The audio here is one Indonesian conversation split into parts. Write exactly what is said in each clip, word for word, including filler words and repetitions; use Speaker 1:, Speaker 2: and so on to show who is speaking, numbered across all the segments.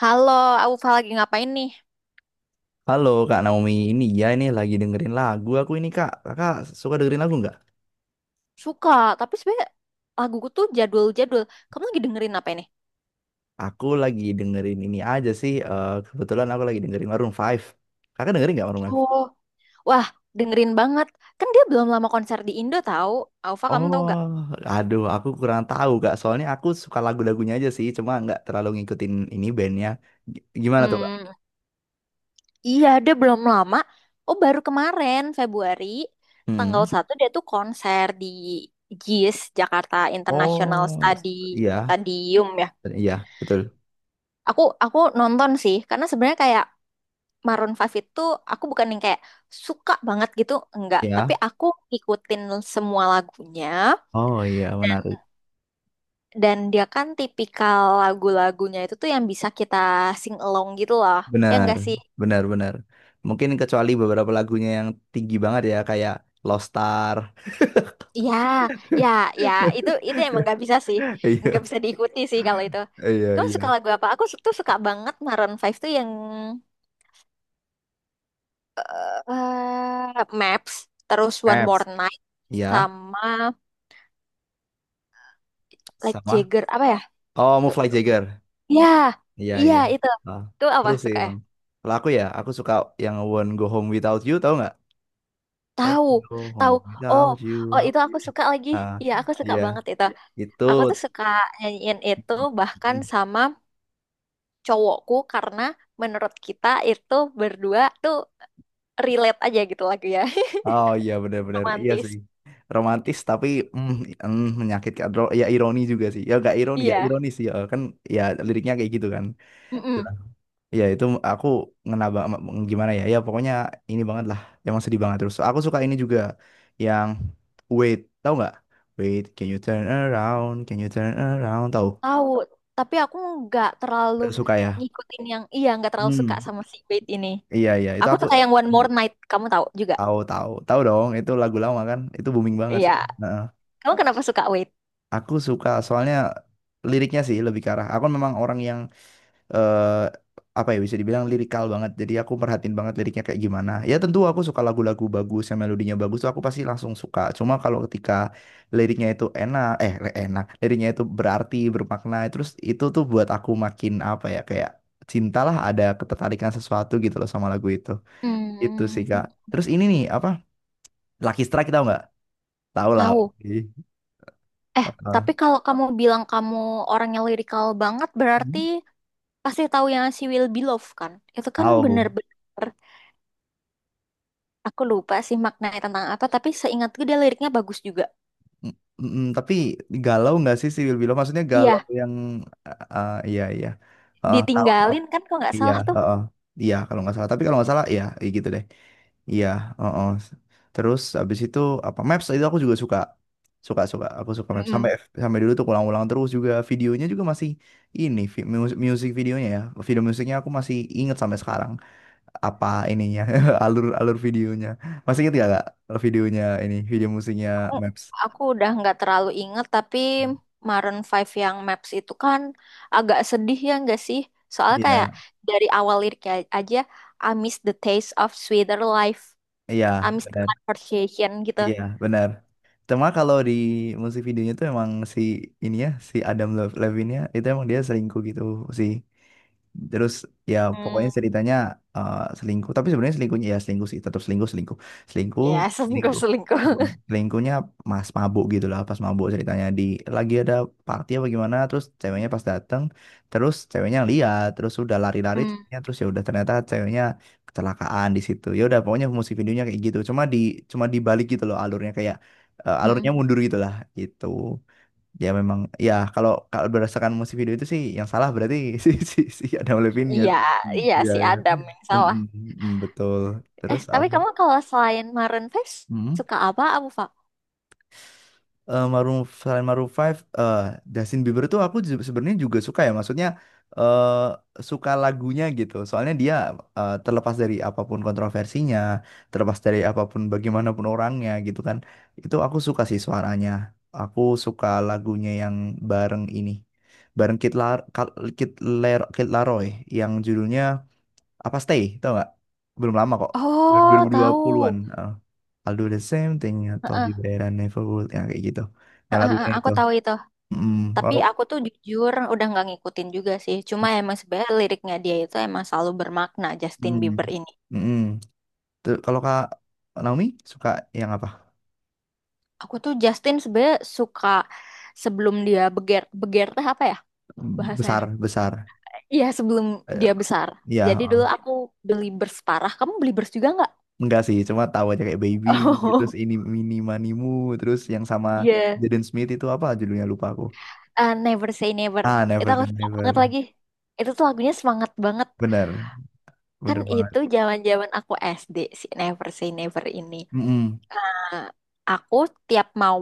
Speaker 1: Halo, Aufa lagi ngapain nih?
Speaker 2: Halo Kak Naomi, ini ya ini lagi dengerin lagu aku ini Kak. Kakak suka dengerin lagu nggak?
Speaker 1: Suka, tapi sebenernya laguku tuh jadul-jadul. Kamu lagi dengerin apa ini?
Speaker 2: Aku lagi dengerin ini aja sih. Eh, kebetulan aku lagi dengerin Maroon Five. Kakak dengerin nggak Maroon Five?
Speaker 1: Oh, wah, dengerin banget. Kan dia belum lama konser di Indo tahu. Aufa, kamu tahu
Speaker 2: Oh,
Speaker 1: gak?
Speaker 2: aduh, aku kurang tahu Kak. Soalnya aku suka lagu-lagunya aja sih, cuma nggak terlalu ngikutin ini bandnya. G- Gimana tuh Kak?
Speaker 1: Hmm, iya, dia belum lama. Oh, baru kemarin, Februari, tanggal
Speaker 2: Hmm.
Speaker 1: satu dia tuh konser di J I S, Jakarta International
Speaker 2: Oh,
Speaker 1: Stadi
Speaker 2: iya,
Speaker 1: Stadium ya.
Speaker 2: iya, betul.
Speaker 1: Aku aku nonton sih, karena sebenarnya kayak Maroon five itu aku bukan yang kayak suka banget gitu, enggak. Tapi
Speaker 2: Ya.
Speaker 1: aku ikutin semua lagunya
Speaker 2: Oh, iya, menarik.
Speaker 1: dan dia kan tipikal lagu-lagunya itu tuh yang bisa kita sing along gitu loh. Ya
Speaker 2: Benar,
Speaker 1: enggak sih?
Speaker 2: benar, benar. Mungkin kecuali beberapa lagunya yang tinggi banget ya, kayak Lost Star.
Speaker 1: Ya, ya, ya, itu itu emang nggak bisa sih. Nggak
Speaker 2: Iya,
Speaker 1: bisa diikuti sih kalau itu.
Speaker 2: iya,
Speaker 1: Cuma suka
Speaker 2: iya.
Speaker 1: lagu apa? Aku tuh suka banget Maroon five tuh yang eh Maps, terus One More
Speaker 2: Caps.
Speaker 1: Night
Speaker 2: Iya,
Speaker 1: sama Like
Speaker 2: sama.
Speaker 1: Jagger apa ya?
Speaker 2: Oh, Fly Jagger.
Speaker 1: Iya,
Speaker 2: Iya,
Speaker 1: iya
Speaker 2: iya.
Speaker 1: itu.
Speaker 2: Ah,
Speaker 1: Itu apa
Speaker 2: seru sih
Speaker 1: suka ya?
Speaker 2: emang. Kalau aku ya, aku suka yang Won't Go Home Without You, tau nggak? Oh,
Speaker 1: Tahu,
Speaker 2: Go
Speaker 1: tahu.
Speaker 2: Home
Speaker 1: Oh,
Speaker 2: Without
Speaker 1: oh
Speaker 2: You.
Speaker 1: itu aku suka lagi.
Speaker 2: Ah,
Speaker 1: Iya, aku suka
Speaker 2: iya.
Speaker 1: banget itu.
Speaker 2: Itu.
Speaker 1: Aku tuh suka nyanyiin itu bahkan
Speaker 2: Mm.
Speaker 1: sama cowokku karena menurut kita itu berdua tuh relate aja gitu lagu ya.
Speaker 2: Oh, iya, benar-benar. Iya sih.
Speaker 1: Romantis.
Speaker 2: Romantis tapi mm, mm, menyakitkan. Ro- Ya, ironi juga sih. Ya gak ironi, ya
Speaker 1: Iya.
Speaker 2: ironi sih. Ya, kan ya liriknya kayak gitu kan.
Speaker 1: Mm-mm.
Speaker 2: Iya, itu aku ngena ba- gimana ya? Ya pokoknya ini banget lah. Emang sedih banget terus. Aku suka ini juga yang wait, tahu nggak? Wait, can you turn around? Can you turn around? Tahu?
Speaker 1: Tahu, tapi aku nggak terlalu
Speaker 2: Aku suka ya.
Speaker 1: ngikutin yang iya nggak terlalu suka
Speaker 2: Hmm.
Speaker 1: sama si Wait ini.
Speaker 2: Iya, iya itu
Speaker 1: Aku
Speaker 2: aku
Speaker 1: suka yang One More Night, kamu tahu juga.
Speaker 2: tahu, tahu, tahu dong. Itu lagu lama kan? Itu booming banget.
Speaker 1: Iya.
Speaker 2: Nah,
Speaker 1: Kamu kenapa suka Wait?
Speaker 2: aku suka soalnya liriknya sih lebih ke arah. Aku kan memang orang yang eh apa ya, bisa dibilang lirikal banget. Jadi aku perhatiin banget liriknya kayak gimana. Ya tentu aku suka lagu-lagu bagus yang melodinya bagus tuh aku pasti langsung suka. Cuma kalau ketika liriknya itu enak, eh li- enak, liriknya itu berarti, bermakna, terus itu tuh buat aku makin apa ya kayak cintalah, ada ketertarikan sesuatu gitu loh sama lagu itu. Itu sih Kak.
Speaker 1: Hmm,
Speaker 2: Terus ini nih apa? Lucky Strike tau nggak? Tahu lah,
Speaker 1: tahu.
Speaker 2: pasti.
Speaker 1: Eh, tapi
Speaker 2: Heeh.
Speaker 1: kalau kamu bilang kamu orangnya lirikal banget, berarti pasti tahu yang She Will Be Loved kan? Itu kan
Speaker 2: Tahu.
Speaker 1: bener-bener, aku lupa sih maknanya tentang apa, tapi seingatku dia liriknya bagus juga.
Speaker 2: Mm, tapi galau nggak sih si Will Below? Maksudnya galau
Speaker 1: Iya,
Speaker 2: yang ah iya, iya. Heeh, tahu tuh.
Speaker 1: ditinggalin kan kalau nggak
Speaker 2: Iya,
Speaker 1: salah tuh.
Speaker 2: heeh. Iya kalau nggak salah. Tapi kalau nggak salah iya, iya gitu deh. Iya, heeh. Terus habis itu apa Maps itu aku juga suka. Suka, suka, aku suka Maps sampai
Speaker 1: Mm-mm.
Speaker 2: sampai dulu tuh ulang-ulang terus, juga videonya juga masih ini vi- mus- music videonya ya. Video musiknya aku masih inget sampai sekarang, apa ininya, alur alur videonya. Masih inget gak, Kak, videonya ini video musiknya
Speaker 1: Aku,
Speaker 2: Maps?
Speaker 1: aku udah nggak terlalu inget, tapi Maroon five yang Maps itu kan agak sedih ya nggak sih? Soalnya
Speaker 2: Iya.
Speaker 1: kayak dari awal liriknya aja, I miss the taste of sweeter life,
Speaker 2: Iya,
Speaker 1: I miss the
Speaker 2: benar.
Speaker 1: conversation gitu.
Speaker 2: Iya, benar. Cuma kalau di musik videonya tuh emang si ini ya, si Adam Lev- Levine-nya itu emang dia selingkuh gitu sih. Terus ya pokoknya
Speaker 1: Hmm.
Speaker 2: ceritanya eh, selingkuh, tapi sebenarnya selingkuhnya ya selingkuh sih, tetap selingkuh, selingkuh. Selingkuh,
Speaker 1: Ya,
Speaker 2: selingkuh.
Speaker 1: selingkuh-selingkuh.
Speaker 2: Hmm. Selingkuhnya mas mabuk gitu lah, pas mabuk ceritanya di lagi ada party apa gimana, terus ceweknya pas dateng, terus ceweknya lihat, terus udah lari-lari
Speaker 1: Hmm.
Speaker 2: ceweknya, terus ya udah ternyata ceweknya kecelakaan di situ. Ya udah pokoknya musik videonya kayak gitu, cuma di cuma dibalik gitu loh alurnya, kayak eh, alurnya
Speaker 1: Mm-mm.
Speaker 2: mundur gitu lah gitu ya memang ya kalau kalau berdasarkan musik video itu sih yang salah berarti si si si Adam Levine ya
Speaker 1: Iya,
Speaker 2: sih
Speaker 1: iya
Speaker 2: iya
Speaker 1: si
Speaker 2: ya.
Speaker 1: Adam yang
Speaker 2: Mm,
Speaker 1: salah.
Speaker 2: mm, mm, betul.
Speaker 1: Eh,
Speaker 2: Terus
Speaker 1: tapi kamu kalau selain Maroon five
Speaker 2: apa
Speaker 1: suka apa, Abu Fa?
Speaker 2: eh Maroon, selain Maroon Five, eh Justin Bieber tuh aku ju- sebenarnya juga suka ya. Maksudnya eh suka lagunya gitu. Soalnya dia eh, terlepas dari apapun kontroversinya, terlepas dari apapun bagaimanapun orangnya gitu kan. Itu aku suka sih suaranya. Aku suka lagunya yang bareng ini. Bareng Kid Lar Kal- Kid Ler- Kid Laroi yang judulnya apa stay tau nggak, belum lama kok,
Speaker 1: Oh,
Speaker 2: dua puluh dua puluhan-an
Speaker 1: tahu.
Speaker 2: eh. I'll do the same thing atau told you
Speaker 1: Heeh,
Speaker 2: that never would yang kayak gitu, yang
Speaker 1: heeh, heeh,
Speaker 2: lagunya
Speaker 1: aku
Speaker 2: itu.
Speaker 1: tahu itu.
Speaker 2: Mm,
Speaker 1: Tapi
Speaker 2: kalau
Speaker 1: aku tuh jujur udah nggak ngikutin juga sih. Cuma emang sebenarnya liriknya dia itu emang selalu bermakna Justin
Speaker 2: mm,
Speaker 1: Bieber ini.
Speaker 2: mm. Tuh, kalau kak Naomi suka yang apa,
Speaker 1: Aku tuh Justin sebenarnya suka sebelum dia beger beger teh apa ya bahasanya?
Speaker 2: besar besar.
Speaker 1: Iya, sebelum
Speaker 2: Eh,
Speaker 1: dia besar. Jadi
Speaker 2: Ya
Speaker 1: dulu aku beli bers parah. Kamu beli bers juga nggak?
Speaker 2: enggak sih, cuma tahu aja kayak baby, terus
Speaker 1: Oh.
Speaker 2: ini mini manimu, terus yang sama
Speaker 1: Iya.
Speaker 2: Jaden Smith itu apa judulnya, lupa aku.
Speaker 1: Eh, Never Say Never.
Speaker 2: Ah,
Speaker 1: Itu
Speaker 2: never say
Speaker 1: aku suka
Speaker 2: never.
Speaker 1: banget lagi. Itu tuh lagunya semangat banget.
Speaker 2: Bener,
Speaker 1: Kan
Speaker 2: bener banget.
Speaker 1: itu zaman-zaman aku S D si Never Say Never ini.
Speaker 2: Mm-mm.
Speaker 1: Nah, aku tiap mau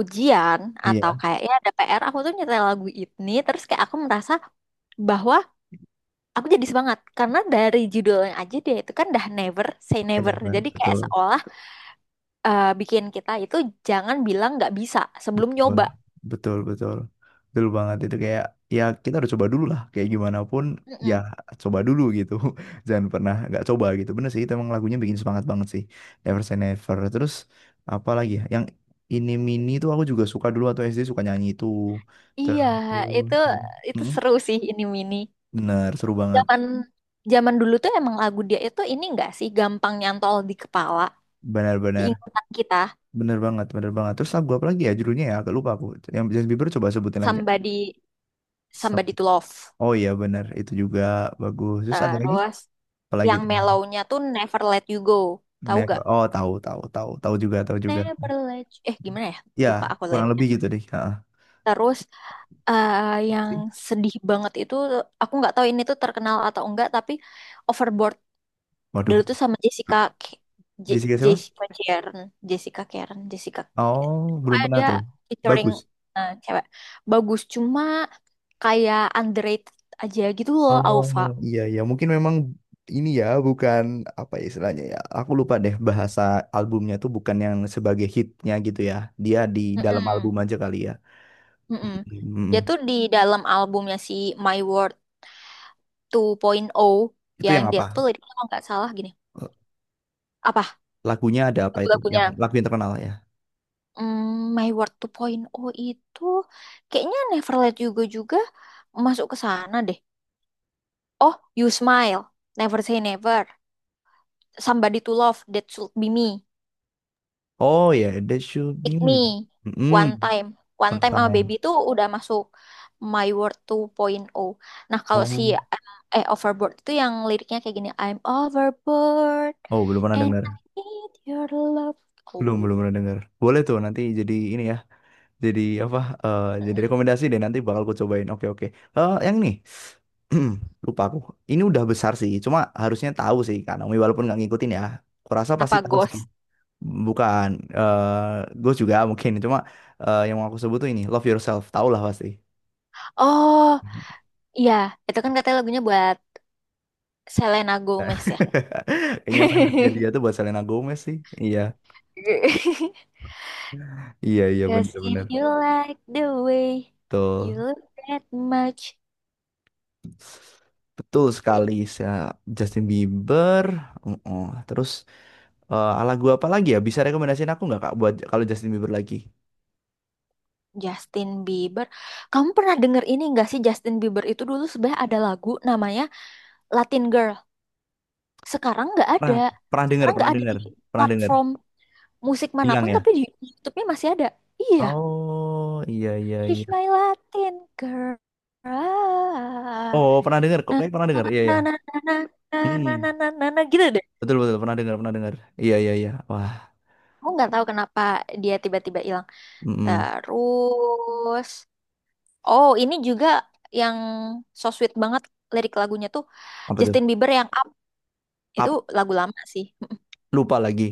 Speaker 1: ujian atau
Speaker 2: Iya.
Speaker 1: kayaknya ada P R, aku tuh nyetel lagu ini terus kayak aku merasa bahwa aku jadi semangat karena dari judulnya aja dia itu kan dah Never Say
Speaker 2: Bener,
Speaker 1: Never.
Speaker 2: bener,
Speaker 1: Jadi kayak
Speaker 2: betul.
Speaker 1: seolah eh, bikin kita itu jangan bilang nggak bisa sebelum
Speaker 2: Wah,
Speaker 1: nyoba.
Speaker 2: betul, betul. Betul banget itu kayak ya kita harus coba dulu lah kayak gimana pun ya
Speaker 1: Mm-mm.
Speaker 2: coba dulu gitu. Jangan pernah nggak coba gitu. Bener sih itu emang lagunya bikin semangat banget sih. Never Say Never. Terus apa lagi ya? Yang ini mini itu aku juga suka dulu atau S D suka nyanyi itu.
Speaker 1: Iya,
Speaker 2: Terus
Speaker 1: itu itu
Speaker 2: Mm,
Speaker 1: seru sih ini mini.
Speaker 2: bener seru banget.
Speaker 1: Zaman zaman dulu tuh emang lagu dia itu ini enggak sih gampang nyantol di kepala, di
Speaker 2: Benar-benar.
Speaker 1: ingatan kita.
Speaker 2: Bener banget, bener banget. Terus lagu apa lagi ya judulnya ya? Agak lupa aku. Yang Justin Bieber coba sebutin lagi.
Speaker 1: Somebody Somebody
Speaker 2: Some-
Speaker 1: to Love.
Speaker 2: Oh, iya bener, itu juga bagus. Terus ada lagi?
Speaker 1: Terus
Speaker 2: Apa lagi?
Speaker 1: yang mellownya tuh Never Let You Go. Tahu
Speaker 2: Never.
Speaker 1: gak?
Speaker 2: Oh, tahu, tahu, tahu, tahu juga, tahu juga.
Speaker 1: Never Let You... Eh Gimana ya?
Speaker 2: Ya
Speaker 1: Lupa aku
Speaker 2: kurang
Speaker 1: liriknya.
Speaker 2: lebih gitu deh. Ha,
Speaker 1: Terus eh, yang sedih banget itu aku nggak tahu ini tuh terkenal atau enggak tapi Overboard.
Speaker 2: waduh,
Speaker 1: Dulu tuh sama Jessica
Speaker 2: bel-
Speaker 1: K- Je-
Speaker 2: Jessica siapa?
Speaker 1: Jessica Karen, Jessica Karen, Jessica
Speaker 2: Oh, belum pernah
Speaker 1: ada
Speaker 2: tuh.
Speaker 1: featuring
Speaker 2: Bagus.
Speaker 1: eh, cewek. Bagus cuma kayak underrated aja gitu loh
Speaker 2: Oh,
Speaker 1: Alfa.
Speaker 2: iya iya, mungkin memang ini ya, bukan apa ya, istilahnya ya. Aku lupa deh bahasa albumnya tuh bukan yang sebagai hitnya gitu ya. Dia di dalam
Speaker 1: Mm-mm,
Speaker 2: album aja kali ya.
Speaker 1: mm-mm. Dia
Speaker 2: Mm-mm.
Speaker 1: tuh di dalam albumnya si My World two point oh
Speaker 2: Itu
Speaker 1: yang
Speaker 2: yang
Speaker 1: dia tuh
Speaker 2: apa?
Speaker 1: liriknya kalau nggak salah gini. Apa
Speaker 2: Lagunya ada apa itu? Yang
Speaker 1: lagu-lagunya?
Speaker 2: lagu yang terkenal ya.
Speaker 1: Hmm, My World two point oh itu kayaknya Never Let You Go juga masuk ke sana deh. Oh, You Smile, Never Say Never, Somebody to Love, That Should Be Me,
Speaker 2: Oh ya, That Should Be
Speaker 1: Pick Me,
Speaker 2: Me.
Speaker 1: One
Speaker 2: Mm-mm.
Speaker 1: Time. One Time sama Baby
Speaker 2: Tentang-
Speaker 1: itu udah masuk My World two point oh. Nah, kalau si
Speaker 2: Oh,
Speaker 1: eh eh, Overboard itu yang liriknya kayak gini, I'm overboard
Speaker 2: oh belum pernah
Speaker 1: and
Speaker 2: dengar.
Speaker 1: I need your love.
Speaker 2: Belum,
Speaker 1: Oh,
Speaker 2: belum pernah dengar. Boleh tuh nanti jadi ini ya. Jadi apa? Eh, jadi
Speaker 1: Hmm.
Speaker 2: rekomendasi deh nanti bakal ku cobain. Oke, oke. Eh, yang ini. Lupa aku. Ini udah besar sih. Cuma harusnya tahu sih Kak Naomi walaupun nggak ngikutin ya. Kurasa pasti
Speaker 1: apa
Speaker 2: tahu sih.
Speaker 1: Ghost?
Speaker 2: Bukan. eh gue juga mungkin. Cuma eh, yang mau aku sebut tuh ini. Love Yourself. Tahu lah pasti.
Speaker 1: Oh, iya, itu kan katanya lagunya buat Selena Gomez ya.
Speaker 2: Kayaknya emang hidupnya dia tuh buat Selena Gomez sih. Iya. Iya, iya,
Speaker 1: Cause if
Speaker 2: bener-bener.
Speaker 1: you like the way you
Speaker 2: Betul.
Speaker 1: look that much.
Speaker 2: Betul
Speaker 1: Eh,
Speaker 2: sekali, saya Justin Bieber. Oh. Terus eh, ala gua apa lagi ya? Bisa rekomendasiin aku nggak Kak buat kalau Justin Bieber lagi?
Speaker 1: Justin Bieber. Kamu pernah denger ini gak sih Justin Bieber itu dulu sebenarnya ada lagu namanya Latin Girl. Sekarang nggak ada.
Speaker 2: Pernah, pernah dengar,
Speaker 1: Sekarang nggak
Speaker 2: pernah
Speaker 1: ada
Speaker 2: dengar,
Speaker 1: di
Speaker 2: pernah dengar.
Speaker 1: platform musik
Speaker 2: Hilang
Speaker 1: manapun
Speaker 2: ya?
Speaker 1: tapi di YouTube-nya masih ada. Iya,
Speaker 2: Oh, iya, iya,
Speaker 1: She's
Speaker 2: iya.
Speaker 1: My Latin Girl. Ah.
Speaker 2: Oh, pernah dengar kok,
Speaker 1: Nah,
Speaker 2: kayak pernah dengar. Iya, iya.
Speaker 1: na na na na na na
Speaker 2: Hmm.
Speaker 1: na na na na, gitu deh.
Speaker 2: Betul, betul pernah dengar, pernah dengar. Iya, iya, iya. Wah,
Speaker 1: Aku nggak tahu kenapa dia tiba-tiba hilang.
Speaker 2: mm
Speaker 1: Terus, oh, ini juga yang so sweet banget lirik lagunya tuh
Speaker 2: apa tuh?
Speaker 1: Justin Bieber yang Up. Itu
Speaker 2: Ap-
Speaker 1: lagu lama sih.
Speaker 2: Lupa lagi.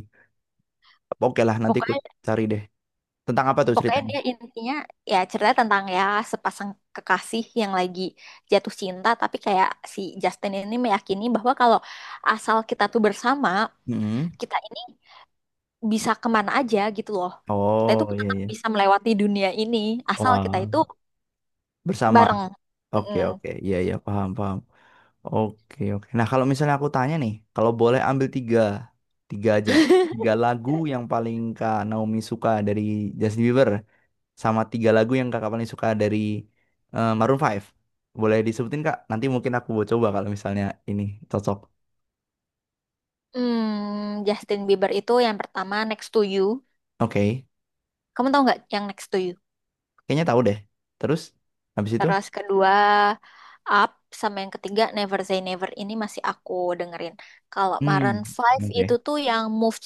Speaker 2: Oke lah, nanti aku
Speaker 1: Pokoknya
Speaker 2: cari deh. Tentang apa tuh
Speaker 1: pokoknya
Speaker 2: ceritanya?
Speaker 1: dia intinya ya ceritanya tentang ya sepasang kekasih yang lagi jatuh cinta tapi kayak si Justin ini meyakini bahwa kalau asal kita tuh bersama,
Speaker 2: Mm-mm.
Speaker 1: kita ini bisa kemana aja gitu loh. Kita itu
Speaker 2: Oh, iya,
Speaker 1: tetap
Speaker 2: iya.
Speaker 1: bisa melewati dunia ini asal kita
Speaker 2: Wah,
Speaker 1: itu
Speaker 2: bersama.
Speaker 1: bareng.
Speaker 2: Oke,
Speaker 1: Mm-mm.
Speaker 2: oke. Iya, iya, paham, paham. Oke, oke. Nah, kalau misalnya aku tanya nih, kalau boleh ambil tiga, tiga aja. Tiga lagu yang paling Kak Naomi suka dari Justin Bieber, sama tiga lagu yang Kakak paling suka dari eh, Maroon Five. Boleh disebutin, Kak? Nanti mungkin aku mau coba kalau misalnya ini cocok.
Speaker 1: Hmm, Justin Bieber itu yang pertama Next to You.
Speaker 2: Oke.
Speaker 1: Kamu tahu nggak yang Next to You?
Speaker 2: Kayaknya tahu deh. Terus, habis itu?
Speaker 1: Terus kedua Up sama yang ketiga Never Say Never ini masih aku dengerin. Kalau
Speaker 2: Hmm,
Speaker 1: Maroon Five itu
Speaker 2: oke.
Speaker 1: tuh yang Move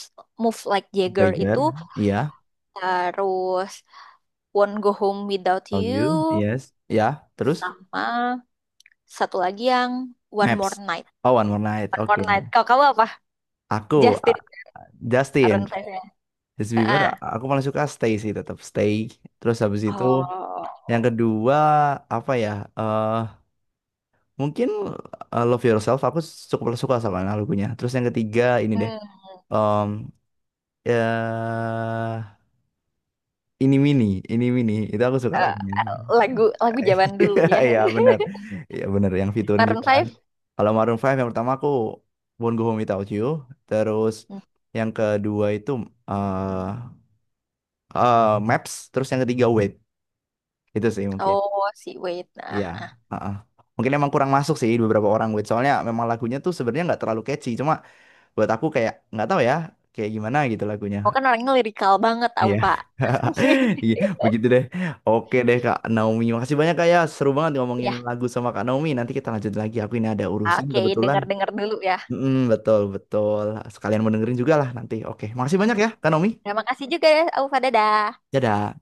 Speaker 1: Move Like Jagger
Speaker 2: Tiger,
Speaker 1: itu
Speaker 2: iya.
Speaker 1: terus Won't Go Home Without
Speaker 2: Told
Speaker 1: You
Speaker 2: you, yes. Ya, terus?
Speaker 1: sama satu lagi yang One More
Speaker 2: Maps.
Speaker 1: Night.
Speaker 2: Oh, One More Night,
Speaker 1: One
Speaker 2: oke.
Speaker 1: More Night. Kalau kamu apa?
Speaker 2: Aku a-
Speaker 1: Justin,
Speaker 2: Justin,
Speaker 1: Maroon Five ya.
Speaker 2: Justin Bieber, a-
Speaker 1: Heeh.
Speaker 2: aku paling suka Stay sih, tetap Stay. Terus habis itu
Speaker 1: Oh.
Speaker 2: yang kedua apa ya? eh Mungkin eh, Love Yourself aku cukup suka sama lagunya. Terus yang ketiga ini deh.
Speaker 1: Hmm.
Speaker 2: em eh ini mini, ini mini. Itu aku suka
Speaker 1: Eh,
Speaker 2: lagunya.
Speaker 1: lagu lagu zaman dulu ya.
Speaker 2: Iya, bener. Iya, bener yang featuring
Speaker 1: Maroon
Speaker 2: juga kan.
Speaker 1: Five.
Speaker 2: Kalau Maroon Five yang pertama aku Won't Go Home Without You, terus
Speaker 1: Hmm.
Speaker 2: yang kedua itu eh, eh, Maps, terus yang ketiga Wait. Itu sih mungkin.
Speaker 1: Oh, si Wait.
Speaker 2: Iya.
Speaker 1: Nah,
Speaker 2: Heeh. Mungkin emang kurang masuk sih di beberapa orang Wait. Soalnya memang lagunya tuh sebenarnya nggak terlalu catchy. Cuma buat aku kayak nggak tahu ya, kayak gimana gitu lagunya.
Speaker 1: aku kan orangnya lirikal banget, aku
Speaker 2: Iya.
Speaker 1: Pak.
Speaker 2: Iya, begitu deh. Oke deh Kak Naomi. Makasih banyak Kak ya. Seru banget ngomongin
Speaker 1: Ya,
Speaker 2: lagu sama Kak Naomi. Nanti kita lanjut lagi. Aku ini ada urusan
Speaker 1: oke,
Speaker 2: kebetulan.
Speaker 1: dengar-dengar dulu ya.
Speaker 2: Mm, betul, betul. Sekalian mau dengerin juga lah nanti. Oke, makasih banyak ya Kak Naomi.
Speaker 1: Terima kasih juga ya, Aufa. Dadah.
Speaker 2: Dadah.